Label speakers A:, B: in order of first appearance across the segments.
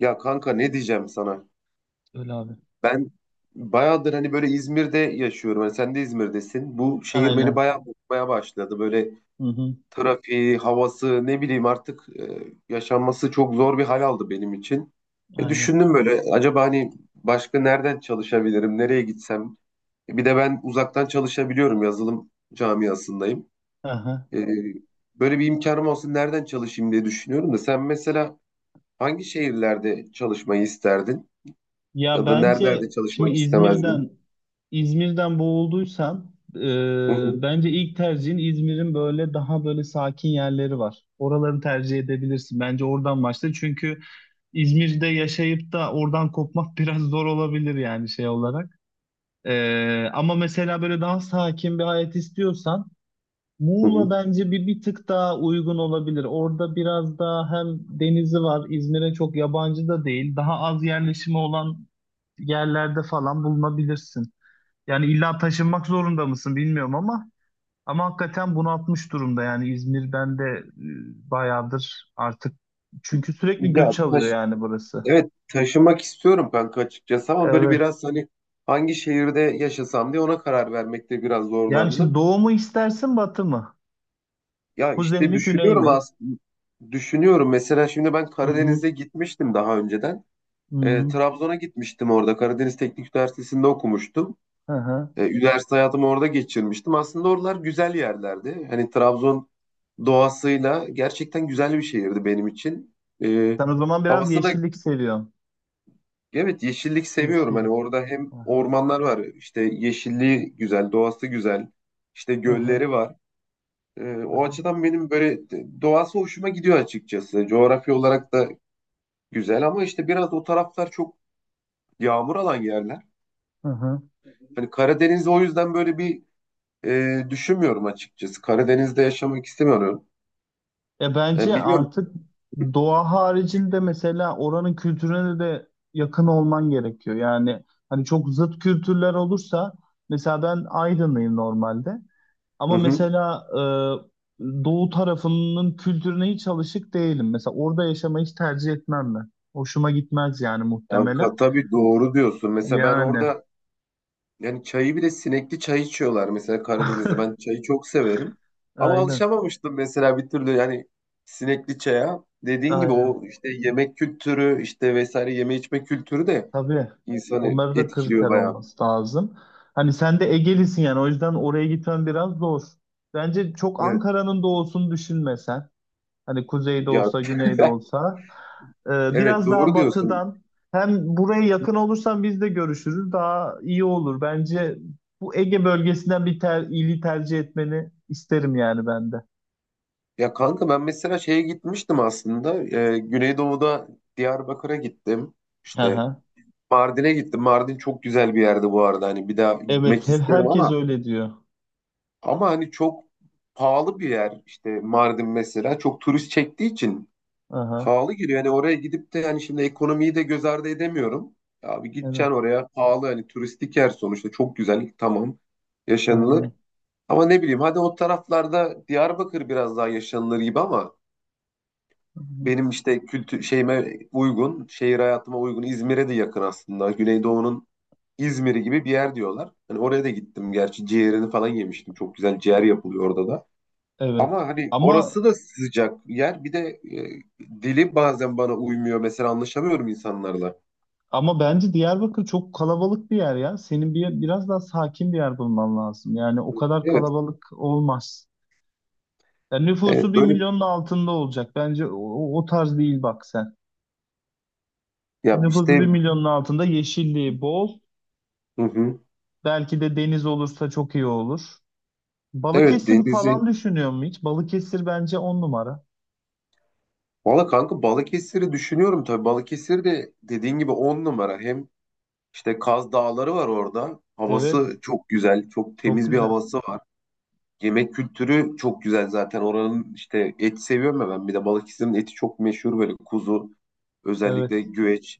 A: Ya kanka ne diyeceğim sana?
B: Öyle abi.
A: Ben bayağıdır hani böyle İzmir'de yaşıyorum. Hani sen de İzmir'desin. Bu şehir beni
B: Aynen.
A: bayağı bozmaya başladı. Böyle
B: Hı hı.
A: trafiği, havası ne bileyim artık yaşanması çok zor bir hal aldı benim için.
B: Aynen.
A: Düşündüm böyle acaba hani başka nereden çalışabilirim? Nereye gitsem? Bir de ben uzaktan çalışabiliyorum. Yazılım camiasındayım.
B: Aha.
A: E, Böyle bir imkanım olsun nereden çalışayım diye düşünüyorum da sen mesela hangi şehirlerde çalışmayı isterdin?
B: Ya
A: Ya da nerelerde
B: bence şimdi
A: çalışmak istemezdin?
B: İzmir'den boğulduysan
A: Hı hı,
B: bence ilk tercihin İzmir'in böyle daha böyle sakin yerleri var. Oraları tercih edebilirsin. Bence oradan başla. Çünkü İzmir'de yaşayıp da oradan kopmak biraz zor olabilir yani şey olarak. Ama mesela böyle daha sakin bir hayat istiyorsan
A: hı hı.
B: Muğla bence bir tık daha uygun olabilir. Orada biraz daha hem denizi var, İzmir'e çok yabancı da değil. Daha az yerleşimi olan yerlerde falan bulunabilirsin. Yani illa taşınmak zorunda mısın bilmiyorum ama hakikaten bunaltmış durumda yani İzmir'den de bayağıdır artık. Çünkü sürekli
A: Ya
B: göç
A: taş,
B: alıyor yani burası.
A: evet taşımak istiyorum kanka açıkçası ama böyle
B: Evet.
A: biraz hani hangi şehirde yaşasam diye ona karar vermekte biraz
B: Yani şimdi
A: zorlandım.
B: doğu mu istersin batı mı?
A: Ya
B: Kuzey
A: işte
B: mi güney
A: düşünüyorum
B: mi?
A: aslında düşünüyorum mesela şimdi ben
B: Hı hı.
A: Karadeniz'e gitmiştim daha önceden.
B: Hı hı.
A: Trabzon'a gitmiştim orada Karadeniz Teknik Üniversitesi'nde okumuştum.
B: Hı hı.
A: Üniversite hayatımı orada geçirmiştim. Aslında oralar güzel yerlerdi. Hani Trabzon doğasıyla gerçekten güzel bir şehirdi benim için. E,
B: Sen o zaman biraz
A: Havası da
B: yeşillik seviyorsun.
A: evet yeşillik seviyorum.
B: Yeşil.
A: Hani orada hem
B: Aha,
A: ormanlar var, işte yeşilliği güzel, doğası güzel, işte
B: aha,
A: gölleri var. O
B: aha,
A: açıdan benim doğası hoşuma gidiyor açıkçası. Coğrafya olarak da güzel ama işte biraz o taraflar çok yağmur alan yerler.
B: aha.
A: Hani Karadeniz o yüzden böyle bir düşünmüyorum açıkçası. Karadeniz'de yaşamak istemiyorum.
B: Ya
A: Yani
B: bence
A: bilmiyorum.
B: artık doğa haricinde mesela oranın kültürüne de yakın olman gerekiyor. Yani hani çok zıt kültürler olursa mesela ben Aydınlıyım normalde
A: Hı
B: ama
A: hı.
B: mesela doğu tarafının kültürüne hiç alışık değilim. Mesela orada yaşamayı hiç tercih etmem ben. Hoşuma gitmez yani muhtemelen.
A: Kanka tabii doğru diyorsun. Mesela ben
B: Yani
A: orada yani çayı bile sinekli çay içiyorlar. Mesela Karadeniz'de ben çayı çok severim. Ama
B: aynen
A: alışamamıştım mesela bir türlü yani sinekli çaya. Dediğin gibi
B: aynen.
A: o işte yemek kültürü işte vesaire yeme içme kültürü de
B: Tabii.
A: insanı
B: Onları da
A: etkiliyor
B: kriter
A: bayağı.
B: olması lazım. Hani sen de Egelisin yani o yüzden oraya gitmen biraz zor. Bence çok
A: Evet,
B: Ankara'nın doğusunu düşünmesen. Hani kuzeyde
A: ya,
B: olsa, güneyde olsa. Ee,
A: evet
B: Biraz daha
A: doğru diyorsun.
B: batıdan. Hem buraya yakın olursan biz de görüşürüz. Daha iyi olur. Bence bu Ege bölgesinden bir ili tercih etmeni isterim yani ben de.
A: Ya kanka ben mesela şeye gitmiştim aslında. Güneydoğu'da Diyarbakır'a gittim. İşte
B: Aha.
A: Mardin'e gittim. Mardin çok güzel bir yerdi bu arada. Hani bir daha
B: Evet,
A: gitmek
B: her
A: isterim
B: herkes
A: ama
B: öyle diyor.
A: hani çok pahalı bir yer. İşte Mardin mesela çok turist çektiği için
B: Aha.
A: pahalı giriyor. Yani oraya gidip de yani şimdi ekonomiyi de göz ardı edemiyorum. Abi
B: Evet,
A: gideceksin oraya pahalı, hani turistik yer sonuçta, çok güzel, tamam yaşanılır.
B: aynen.
A: Ama ne bileyim, hadi o taraflarda Diyarbakır biraz daha yaşanılır gibi ama
B: Aha.
A: benim işte kültür şeyime uygun, şehir hayatıma uygun. İzmir'e de yakın aslında. Güneydoğu'nun İzmir'i gibi bir yer diyorlar. Hani oraya da gittim gerçi, ciğerini falan yemiştim. Çok güzel ciğer yapılıyor orada da.
B: Evet.
A: Ama hani
B: Ama
A: orası da sıcak yer. Bir de e, dili bazen bana uymuyor. Mesela anlaşamıyorum insanlarla.
B: Ama bence Diyarbakır çok kalabalık bir yer ya. Senin biraz daha sakin bir yer bulman lazım. Yani o kadar
A: Evet,
B: kalabalık olmaz. Yani nüfusu
A: evet
B: bir
A: böyle
B: milyonun altında olacak. Bence o tarz değil bak sen.
A: ya
B: Nüfusu bir
A: işte,
B: milyonun altında yeşilliği bol.
A: hı hı.
B: Belki de deniz olursa çok iyi olur.
A: Evet
B: Balıkesir
A: denizi.
B: falan düşünüyor mu hiç? Balıkesir bence on numara.
A: Valla kanka Balıkesir'i düşünüyorum tabii. Balıkesir de dediğin gibi on numara. Hem İşte Kaz Dağları var orada. Havası
B: Evet.
A: çok güzel, çok
B: Çok
A: temiz bir
B: güzel.
A: havası var. Yemek kültürü çok güzel zaten. Oranın işte, et seviyorum ya ben. Bir de Balıkesir'in eti çok meşhur, böyle kuzu,
B: Evet.
A: özellikle güveç,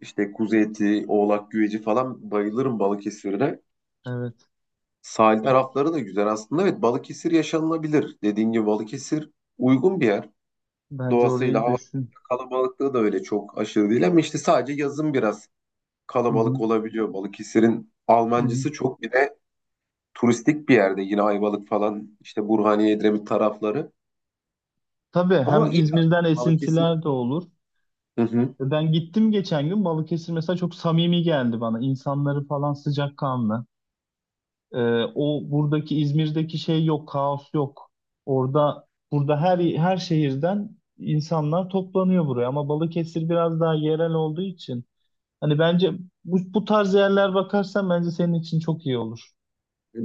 A: işte kuzu eti, oğlak güveci falan, bayılırım Balıkesir'e.
B: Evet.
A: Sahil
B: O,
A: tarafları da güzel aslında. Evet Balıkesir yaşanılabilir. Dediğin gibi Balıkesir uygun bir yer.
B: bence
A: Doğasıyla,
B: orayı
A: hava
B: düşün.
A: kalabalıklığı da öyle çok aşırı değil ama işte sadece yazın biraz
B: Hı hı,
A: kalabalık olabiliyor. Balıkesir'in
B: hı hı.
A: Almancısı çok, bir de turistik bir yerde yine Ayvalık falan, işte Burhaniye, Edremit tarafları.
B: Tabii
A: Ama
B: hem
A: iyi
B: İzmir'den
A: aslında Balıkesir.
B: esintiler de olur.
A: Hı hı.
B: Ben gittim geçen gün Balıkesir mesela çok samimi geldi bana. İnsanları falan sıcakkanlı. O buradaki İzmir'deki şey yok, kaos yok. Orada burada her şehirden insanlar toplanıyor buraya ama Balıkesir biraz daha yerel olduğu için hani bence bu tarz yerler bakarsan bence senin için çok iyi olur.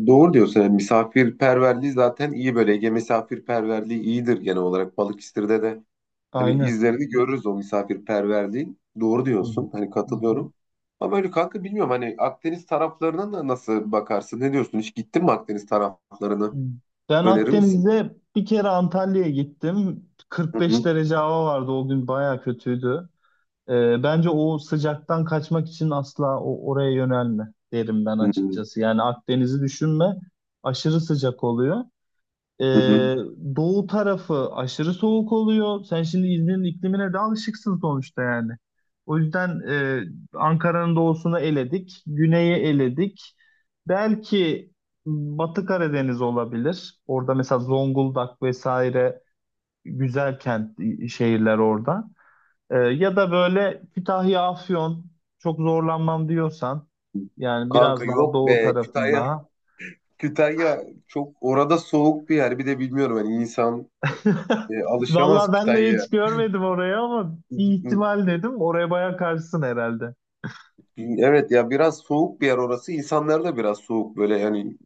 A: Doğru diyorsun. Yani misafirperverliği zaten iyi böyle. Ege misafirperverliği iyidir genel olarak. Balıkesir'de de hani
B: Aynen.
A: izlerini görürüz o misafirperverliğin. Doğru
B: Hı hı.
A: diyorsun. Hani
B: Hı hı.
A: katılıyorum. Ama öyle kanka, bilmiyorum hani Akdeniz taraflarına da nasıl bakarsın? Ne diyorsun? Hiç gittin mi Akdeniz
B: Hı.
A: taraflarını?
B: Ben
A: Önerir misin?
B: Akdeniz'de bir kere Antalya'ya gittim.
A: Hı
B: 45
A: hı.
B: derece hava vardı o gün bayağı kötüydü. Bence o sıcaktan kaçmak için asla oraya yönelme derim ben
A: Hı hı.
B: açıkçası. Yani Akdeniz'i düşünme. Aşırı sıcak oluyor.
A: Hı hı.
B: Ee, Doğu tarafı aşırı soğuk oluyor. Sen şimdi İzmir'in iklimine de alışıksın sonuçta yani. O yüzden Ankara'nın doğusunu eledik. Güneyi eledik. Belki Batı Karadeniz olabilir. Orada mesela Zonguldak vesaire güzel kent şehirler orada. Ya da böyle Kütahya, Afyon çok zorlanmam diyorsan yani
A: Kanka
B: biraz daha
A: yok
B: doğu
A: be.
B: tarafında.
A: Kütahya çok orada soğuk bir yer. Bir de bilmiyorum hani insan alışamaz
B: Vallahi ben de
A: Kütahya'ya.
B: hiç görmedim orayı ama bir ihtimal dedim. Oraya bayağı karşısın herhalde.
A: Evet ya biraz soğuk bir yer orası. İnsanlar da biraz soğuk böyle yani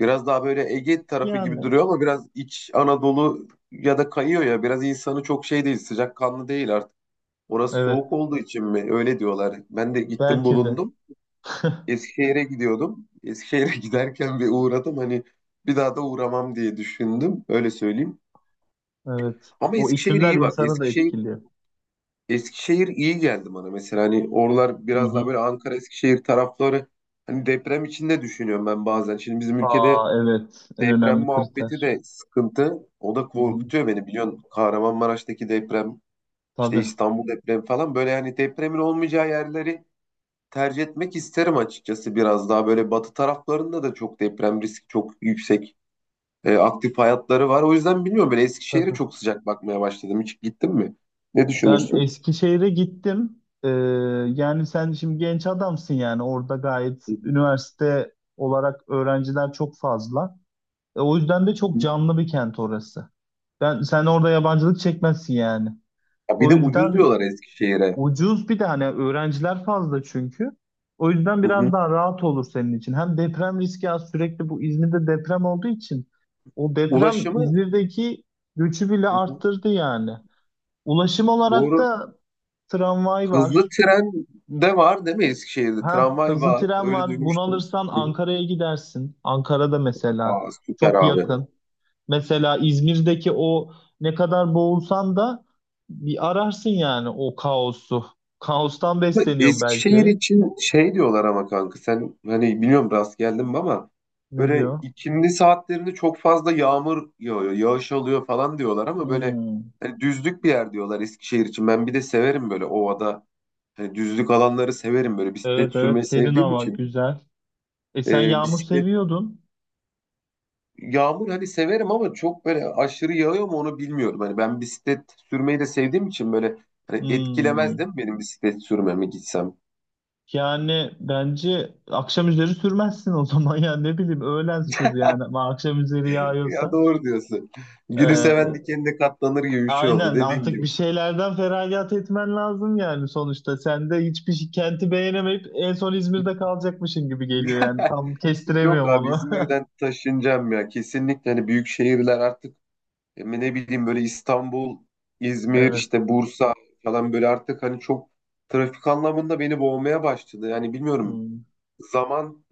A: biraz daha böyle Ege tarafı gibi
B: Yani
A: duruyor ama biraz iç Anadolu ya da kayıyor ya. Biraz insanı çok şey değil, sıcakkanlı değil artık. Orası
B: evet
A: soğuk olduğu için mi? Öyle diyorlar. Ben de gittim
B: belki de.
A: bulundum. Eskişehir'e gidiyordum. Eskişehir'e giderken bir uğradım. Hani bir daha da uğramam diye düşündüm. Öyle söyleyeyim.
B: Evet.
A: Ama
B: O
A: Eskişehir
B: iklimler
A: iyi bak.
B: insanı da etkiliyor.
A: Eskişehir iyi geldi bana mesela, hani oralar
B: Hı
A: biraz daha
B: hı.
A: böyle Ankara Eskişehir tarafları, hani deprem içinde düşünüyorum ben bazen. Şimdi bizim ülkede
B: Aa evet en
A: deprem
B: önemli
A: muhabbeti
B: kriter.
A: de sıkıntı. O da
B: Hı hı.
A: korkutuyor beni, biliyorsun. Kahramanmaraş'taki deprem, işte
B: Tabii.
A: İstanbul depremi falan, böyle hani depremin olmayacağı yerleri tercih etmek isterim açıkçası. Biraz daha böyle batı taraflarında da çok deprem riski çok yüksek. Aktif hayatları var. O yüzden bilmiyorum, ben Eskişehir'e
B: Tabii.
A: çok sıcak bakmaya başladım. Hiç gittin mi? Ne
B: Ben
A: düşünürsün?
B: Eskişehir'e gittim. Yani sen şimdi genç adamsın yani orada gayet
A: Hı hı.
B: üniversite olarak öğrenciler çok fazla. O yüzden de çok canlı bir kent orası. Ben sen orada yabancılık çekmezsin yani.
A: Ya bir
B: O
A: de ucuz
B: yüzden
A: diyorlar Eskişehir'e.
B: ucuz bir de hani öğrenciler fazla çünkü. O yüzden
A: Hı
B: biraz
A: hı.
B: daha rahat olur senin için. Hem deprem riski az sürekli bu İzmir'de deprem olduğu için o deprem
A: Ulaşımı,
B: İzmir'deki göçü bile
A: hı hı,
B: arttırdı yani. Ulaşım olarak
A: doğru.
B: da tramvay
A: Hızlı
B: var.
A: tren de var değil mi Eskişehir'de?
B: Ha,
A: Tramvay
B: hızlı
A: var.
B: tren
A: Öyle
B: var. Bunu
A: duymuştum.
B: alırsan
A: Hı hı.
B: Ankara'ya gidersin. Ankara'da mesela
A: Aa, süper
B: çok
A: abi.
B: yakın. Mesela İzmir'deki o ne kadar boğulsan da bir ararsın yani o kaosu. Kaostan
A: Bu
B: besleniyor
A: Eskişehir
B: belki.
A: için şey diyorlar ama kanka, sen hani bilmiyorum rast geldin mi ama,
B: Ne
A: böyle
B: diyor?
A: ikindi saatlerinde çok fazla yağmur yağıyor, yağış alıyor falan diyorlar ama böyle
B: Hmm.
A: hani düzlük bir yer diyorlar Eskişehir için. Ben bir de severim böyle ovada, hani düzlük alanları severim böyle, bisiklet
B: Evet
A: sürmeyi
B: evet serin
A: sevdiğim
B: hava
A: için.
B: güzel. E sen yağmur
A: Bisiklet
B: seviyordun.
A: Yağmur hani severim ama çok böyle aşırı yağıyor mu onu bilmiyorum. Hani ben bisiklet sürmeyi de sevdiğim için böyle, hani etkilemez değil
B: Hmm.
A: mi benim bisiklet sürmeme gitsem?
B: Yani bence akşam üzeri sürmezsin o zaman ya ne bileyim öğlen sür yani ama akşam üzeri
A: Ya
B: yağıyorsa.
A: doğru diyorsun. Gülü seven
B: Ee,
A: dikenine katlanır gibi bir şey oldu
B: Aynen
A: dediğim
B: artık bir
A: gibi.
B: şeylerden feragat etmen lazım yani sonuçta. Sen de hiçbir kenti beğenemeyip en son İzmir'de kalacakmışın gibi geliyor yani. Tam
A: Yok
B: kestiremiyorum
A: abi,
B: onu.
A: İzmir'den taşınacağım ya. Kesinlikle hani büyük şehirler artık, ne bileyim böyle İstanbul, İzmir,
B: Evet.
A: işte Bursa falan, böyle artık hani çok trafik anlamında beni boğmaya başladı. Yani bilmiyorum,
B: Hmm.
A: zaman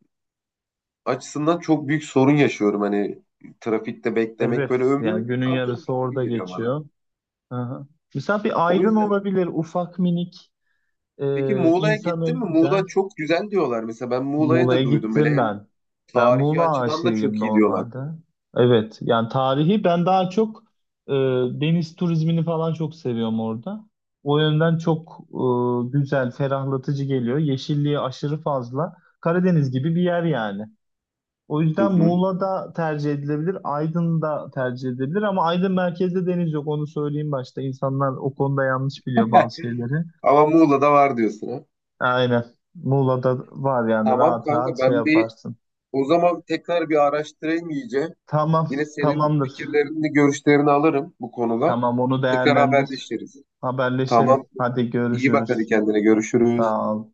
A: açısından çok büyük sorun yaşıyorum. Hani trafikte beklemek böyle
B: Evet. Yani
A: ömrümü
B: günün yarısı
A: atıyormuş gibi
B: orada
A: geliyor bana.
B: geçiyor. Aha. Mesela bir
A: O
B: Aydın
A: yüzden,
B: olabilir. Ufak minik.
A: peki Muğla'ya gittin
B: İnsanı
A: mi? Muğla
B: güzel.
A: çok güzel diyorlar. Mesela ben Muğla'yı
B: Muğla'ya
A: da duydum. Böyle
B: gittim
A: hem
B: ben. Ben
A: tarihi
B: Muğla
A: açıdan da
B: aşığıyım
A: çok iyi diyorlar.
B: normalde. Evet, yani tarihi ben daha çok e, deniz turizmini falan çok seviyorum orada. O yönden çok güzel, ferahlatıcı geliyor. Yeşilliği aşırı fazla. Karadeniz gibi bir yer yani. O
A: Hı
B: yüzden
A: hı.
B: Muğla'da tercih edilebilir, Aydın'da tercih edilebilir ama Aydın merkezde deniz yok. Onu söyleyeyim başta. İnsanlar o konuda yanlış biliyor bazı şeyleri.
A: Ama Muğla'da var diyorsun ha.
B: Aynen. Muğla'da var yani
A: Tamam
B: rahat rahat
A: kanka,
B: şey
A: ben bir
B: yaparsın.
A: o zaman tekrar bir araştırayım iyice.
B: Tamam,
A: Yine senin
B: tamamdır.
A: fikirlerini, görüşlerini alırım bu konuda.
B: Tamam, onu
A: Tekrar
B: değerlendir.
A: haberleşiriz.
B: Haberleşelim.
A: Tamam.
B: Hadi
A: İyi bak, hadi
B: görüşürüz.
A: kendine, görüşürüz.
B: Sağ ol.